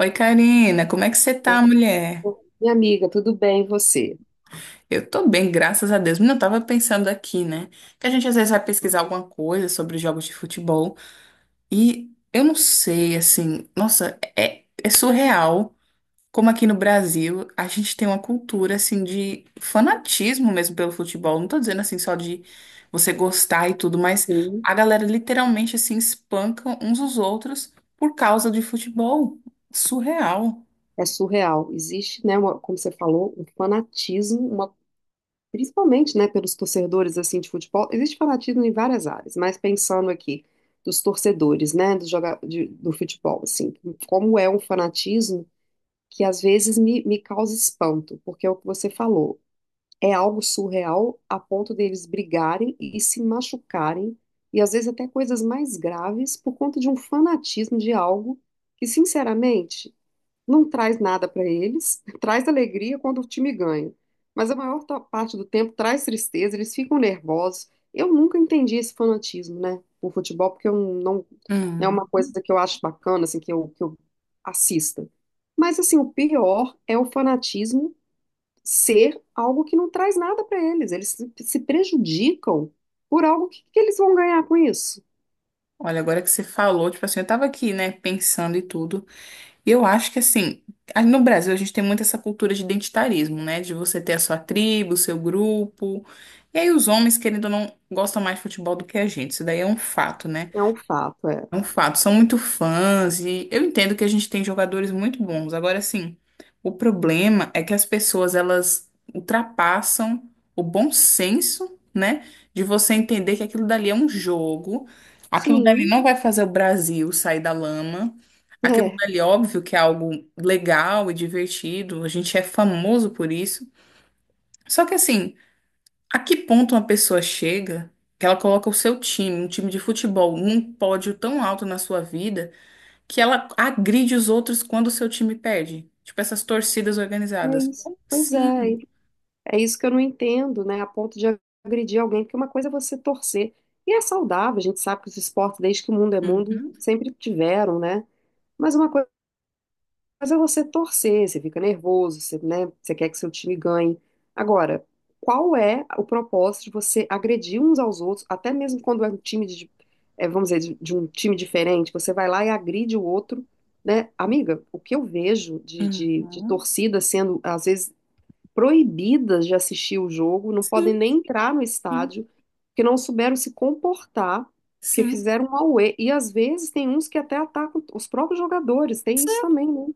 Oi, Karina, como é que você tá, Ô, mulher? minha amiga, tudo bem, e você? Eu tô bem, graças a Deus. Menina, eu tava pensando aqui, né? Que a gente às vezes vai pesquisar alguma coisa sobre jogos de futebol e eu não sei, assim, nossa, é surreal como aqui no Brasil a gente tem uma cultura, assim, de fanatismo mesmo pelo futebol. Não tô dizendo, assim, só de você gostar e tudo, mas Sim, a galera literalmente, assim, espanca uns os outros por causa de futebol. Surreal. é surreal. Existe, né, como você falou, um fanatismo, uma, principalmente, né, pelos torcedores assim de futebol. Existe fanatismo em várias áreas, mas pensando aqui dos torcedores, né, do futebol, assim, como é um fanatismo que às vezes me causa espanto, porque é o que você falou. É algo surreal a ponto deles brigarem e se machucarem, e às vezes até coisas mais graves, por conta de um fanatismo de algo que, sinceramente, não traz nada para eles, traz alegria quando o time ganha, mas a maior parte do tempo traz tristeza, eles ficam nervosos. Eu nunca entendi esse fanatismo, né, por futebol, porque eu não, não é Uhum. uma coisa que eu acho bacana, assim, que eu assista. Mas, assim, o pior é o fanatismo ser algo que não traz nada para eles. Eles se prejudicam por algo que eles vão ganhar com isso. Olha, agora que você falou, tipo assim, eu tava aqui, né, pensando e tudo. E eu acho que assim, no Brasil a gente tem muito essa cultura de identitarismo, né? De você ter a sua tribo, o seu grupo. E aí os homens, querendo ou não, gostam mais de futebol do que a gente. Isso daí é um fato, né? É um fato, é. É um fato, são muito fãs e eu entendo que a gente tem jogadores muito bons. Agora, assim, o problema é que as pessoas elas ultrapassam o bom senso, né, de você entender que aquilo dali é um jogo, aquilo dali Sim, não vai fazer o Brasil sair da lama. Aquilo é, dali, óbvio que é algo legal e divertido, a gente é famoso por isso. Só que, assim, a que ponto uma pessoa chega que ela coloca o seu time, um time de futebol, num pódio tão alto na sua vida? Que ela agride os outros quando o seu time perde. Tipo essas torcidas é organizadas. isso. Como Pois é, assim? é isso que eu não entendo, né? A ponto de agredir alguém, porque uma coisa é você torcer. E é saudável, a gente sabe que os esportes, desde que o mundo é mundo, Uhum, sempre tiveram, né? Mas uma coisa Mas é você torcer, você fica nervoso, você, né, você quer que seu time ganhe. Agora, qual é o propósito de você agredir uns aos outros, até mesmo quando é um time de, é, vamos dizer, de um time diferente, você vai lá e agride o outro, né? Amiga, o que eu vejo de uhum. torcidas sendo, às vezes, proibidas de assistir o jogo, não podem Sim, nem entrar no sim, estádio, porque não souberam se comportar, porque sim. fizeram um auê. E às vezes tem uns que até atacam os próprios jogadores, tem isso também, né?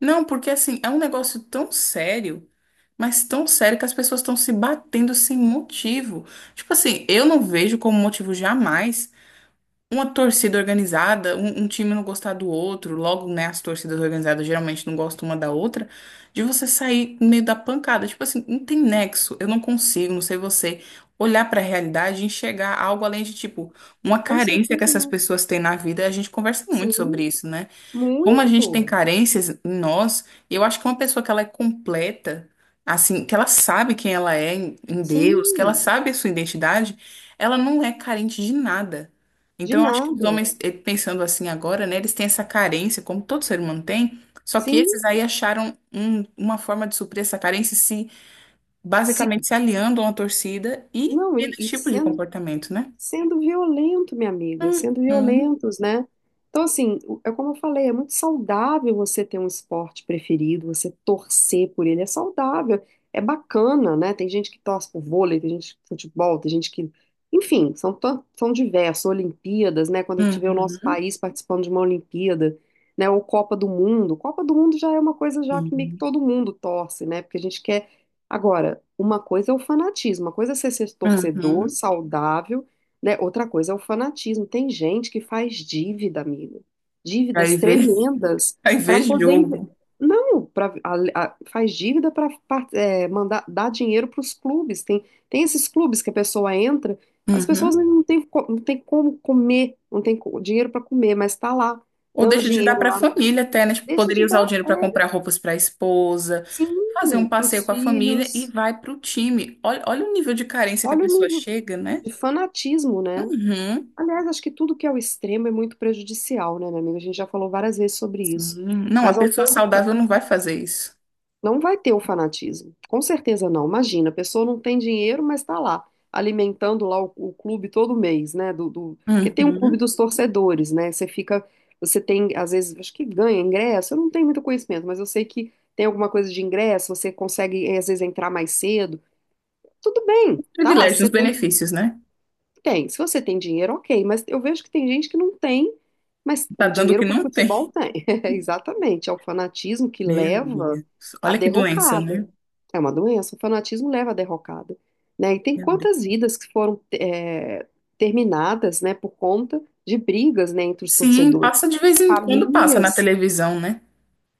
Não, porque assim, é um negócio tão sério, mas tão sério que as pessoas estão se batendo sem motivo. Tipo assim, eu não vejo como motivo jamais uma torcida organizada, um time não gostar do outro, logo, né, as torcidas organizadas geralmente não gostam uma da outra, de você sair no meio da pancada. Tipo assim, não tem nexo, eu não consigo, não sei você olhar pra realidade e enxergar algo além de, tipo, uma Com carência que certeza essas não. pessoas têm na vida. A gente conversa muito Sim, sobre isso, né? Como a gente tem muito. carências em nós, eu acho que uma pessoa que ela é completa, assim, que ela sabe quem ela é em Deus, que ela Sim, sabe a sua identidade, ela não é carente de nada. de Então, eu acho que os nada. homens, pensando assim agora, né, eles têm essa carência, como todo ser humano tem, só que Sim, esses aí acharam uma forma de suprir essa carência se se basicamente se aliando a uma torcida e não, tendo esse e tipo de comportamento, né? sendo violento, minha amiga, sendo Uhum, violentos, né? Então, assim, é como eu falei, é muito saudável você ter um esporte preferido, você torcer por ele, é saudável, é bacana, né? Tem gente que torce por vôlei, tem gente que futebol, tem gente que. Enfim, são, são diversos, Olimpíadas, né? Quando a gente vê o nosso uhum, país participando de uma Olimpíada, né? Ou Copa do Mundo. Copa do Mundo já é uma coisa já que meio que sim, todo mundo torce, né? Porque a gente quer. Agora, uma coisa é o fanatismo, uma coisa é você ser torcedor uhum. saudável, né? Outra coisa é o fanatismo. Tem gente que faz dívida, amigo. Aí Dívidas vê. tremendas Aí para vê poder. jogo. Não, faz dívida para mandar dar dinheiro para os clubes. Tem, tem esses clubes que a pessoa entra, as Uhum. pessoas não tem como comer, não tem co- dinheiro para comer, mas está lá, Ou dando deixa de dar dinheiro para a lá. família até, né? Tipo, Deixa poderia de usar o dar, dinheiro para comprar é, roupas para a esposa, fazer sim, um para passeio os com a família e filhos. vai para o time. Olha, olha o nível de carência que a Olha o pessoa nível chega, né? de fanatismo, né? Uhum. Aliás, acho que tudo que é o extremo é muito prejudicial, né, minha amiga? A gente já falou várias vezes sobre isso. Sim. Não, a Mas ao pessoa ponto, saudável não vai fazer isso. não vai ter o fanatismo. Com certeza não. Imagina, a pessoa não tem dinheiro, mas está lá, alimentando lá o clube todo mês, né? Porque tem um clube Uhum. dos torcedores, né? Você fica, você tem, às vezes, acho que ganha ingresso. Eu não tenho muito conhecimento, mas eu sei que tem alguma coisa de ingresso, você consegue, às vezes, entrar mais cedo. Tudo bem, tá lá. Você Privilégios, tem. benefícios, né? Tem. Se você tem dinheiro, ok. Mas eu vejo que tem gente que não tem, mas Tá o dando o que dinheiro para o não tem. futebol tem. É, exatamente. É o fanatismo que Meu leva Deus. à Olha que doença, né? derrocada. É uma doença. O fanatismo leva à derrocada. Né? E tem Meu Deus. quantas vidas que foram é, terminadas, né, por conta de brigas, né, entre os Sim, torcedores. passa de vez em quando, passa na Famílias. televisão, né?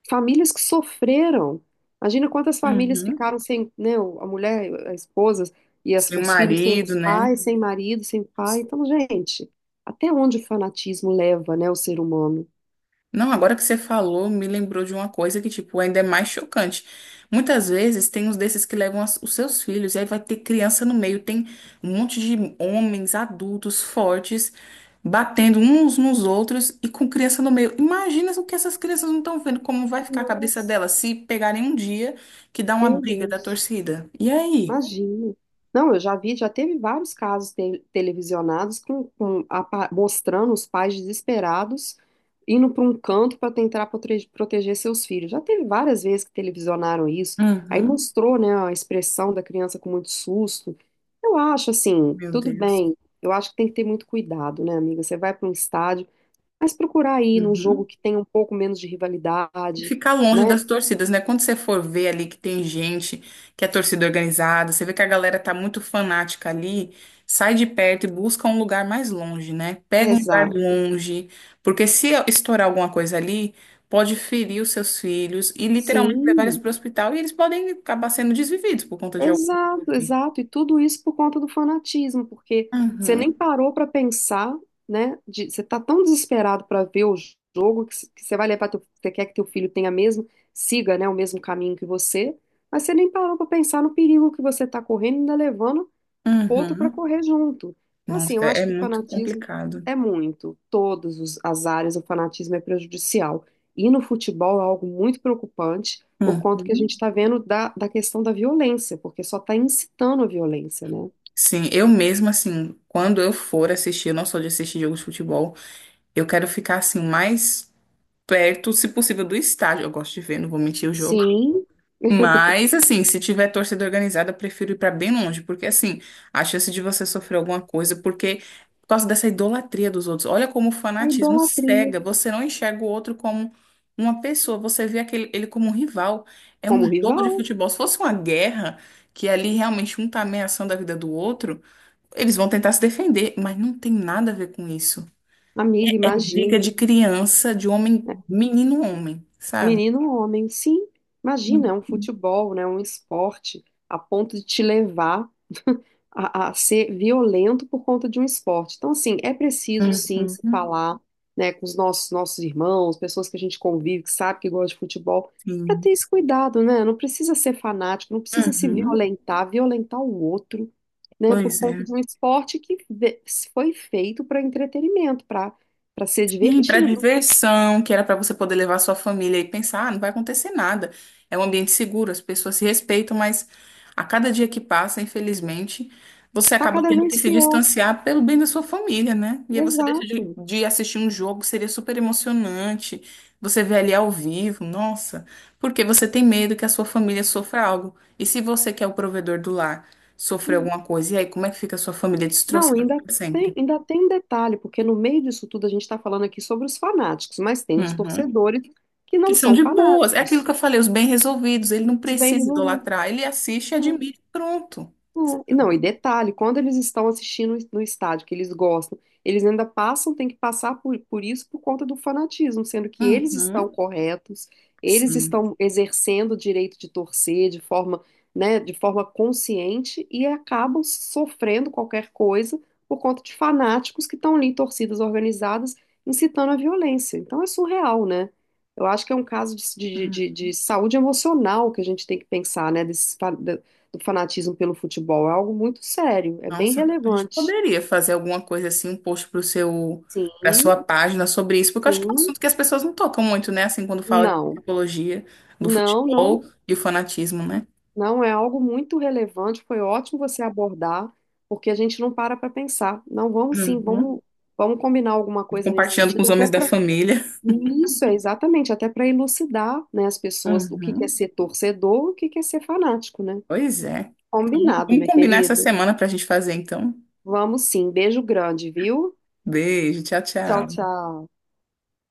Famílias que sofreram. Imagina quantas famílias Uhum. ficaram sem, né, a mulher, a esposa e Sem o os filhos sem marido, os né? pais, sem marido, sem pai. Então, gente, até onde o fanatismo leva, né, o ser humano? Não, agora que você falou, me lembrou de uma coisa que, tipo, ainda é mais chocante. Muitas vezes tem uns desses que levam os seus filhos, e aí vai ter criança no meio, tem um monte de homens adultos fortes batendo uns nos outros e com criança no meio. Imagina o que essas crianças não estão vendo, como vai ficar a cabeça Nossa, delas se pegarem um dia que dá uma meu briga da Deus. torcida. E aí? Imagino. Não, eu já vi, já teve vários casos televisionados com, com mostrando os pais desesperados indo para um canto para tentar proteger seus filhos. Já teve várias vezes que televisionaram isso. Aí Uhum, mostrou, né, a expressão da criança com muito susto. Eu acho assim, meu tudo Deus. bem. Eu acho que tem que ter muito cuidado, né, amiga? Você vai para um estádio, mas procurar ir num jogo Uhum. que tenha um pouco menos de E rivalidade, ficar longe né? das torcidas, né? Quando você for ver ali que tem gente que é torcida organizada, você vê que a galera tá muito fanática ali, sai de perto e busca um lugar mais longe, né? Pega um lugar Exato. longe, porque se estourar alguma coisa ali, pode ferir os seus filhos e literalmente levar eles Sim. para o hospital e eles podem acabar sendo desvividos por conta de algum. Exato, Assim. exato. E tudo isso por conta do fanatismo, porque você nem Uhum, parou para pensar, né? Você tá tão desesperado para ver o jogo que, que você vai levar teu, você quer que teu filho tenha mesmo, siga, né, o mesmo caminho que você, mas você nem parou para pensar no perigo que você tá correndo, ainda levando outro para uhum. correr junto. Então, assim, Nossa, eu acho é que o muito fanatismo complicado. é muito. Todas as áreas, o fanatismo é prejudicial. E no futebol é algo muito preocupante, por conta que a gente Uhum. está vendo da questão da violência, porque só está incitando a violência, né? Sim, eu mesma, assim, quando eu for assistir, eu não sou de assistir jogos de futebol. Eu quero ficar assim o mais perto, se possível, do estádio. Eu gosto de ver, não vou mentir, o jogo. Sim, Mas assim, se tiver torcida organizada, eu prefiro ir pra bem longe, porque assim, a chance de você sofrer alguma coisa, porque por causa dessa idolatria dos outros. Olha como o a fanatismo idolatria cega. Você não enxerga o outro como uma pessoa, você vê aquele ele como um rival. É um como jogo de rival. futebol. Se fosse uma guerra, que ali realmente um tá ameaçando a vida do outro, eles vão tentar se defender, mas não tem nada a ver com isso. Amiga, imagina, Dica de criança, de homem, menino homem, sabe? menino ou homem, sim, imagina, é um Uhum. futebol, né, um esporte, a ponto de te levar a ser violento por conta de um esporte. Então, assim, é preciso sim se Uhum. falar, né, com os nossos irmãos, pessoas que a gente convive, que sabe que gosta de futebol, para Sim. ter esse cuidado, né? Não precisa ser fanático, não precisa se Uhum. violentar, violentar o outro, né, por Pois conta é. de um esporte que foi feito para entretenimento, para ser Sim, para divertido. diversão, que era para você poder levar sua família e pensar, ah, não vai acontecer nada. É um ambiente seguro, as pessoas se respeitam, mas a cada dia que passa, infelizmente, você Tá acaba cada tendo que vez se pior. distanciar pelo bem da sua família, né? E aí você deixa Exato. de assistir um jogo, seria super emocionante. Você vê ali ao vivo, nossa, porque você tem medo que a sua família sofra algo. E se você, que é o provedor do lar, sofrer alguma coisa, e aí como é que fica a sua família Não, destroçada para sempre? ainda tem um detalhe, porque no meio disso tudo a gente está falando aqui sobre os fanáticos, mas tem os Uhum. torcedores que Que não são são de boas. É aquilo fanáticos. que eu falei, os bem resolvidos. Ele não Isso é. Bem precisa resolvido. idolatrar. Ele assiste, admira, e pronto. É, e não, e detalhe, quando eles estão assistindo no estádio, que eles gostam, eles ainda passam, tem que passar por isso por conta do fanatismo, sendo que eles estão Uhum. corretos, eles Sim. estão exercendo o direito de torcer de forma, né, de forma consciente e acabam sofrendo qualquer coisa por conta de fanáticos que estão ali em torcidas organizadas incitando a violência. Então é surreal, né? Eu acho que é um caso Hum. De saúde emocional que a gente tem que pensar, né, desses, do fanatismo pelo futebol. É algo muito sério, é bem Nossa, a gente relevante. poderia fazer alguma coisa assim, um post para o seu, para sua Sim, página sobre isso, porque eu acho que é um sim, assunto que as pessoas não tocam muito, né? Assim, quando fala de não, psicologia, do não, não, futebol e o fanatismo, né? não é algo muito relevante. Foi ótimo você abordar, porque a gente não para para pensar. Não, vamos sim, Uhum. vamos, vamos combinar alguma coisa nesse Compartilhando com os sentido, até homens da para família. isso, é exatamente, até para elucidar, né, as pessoas o que que é Uhum. ser torcedor, o que que é ser fanático, né? Pois é. Então, Combinado, vamos minha combinar essa querida. semana para a gente fazer, então. Vamos sim. Beijo grande, viu? Beijo, tchau, Tchau, tchau. tchau.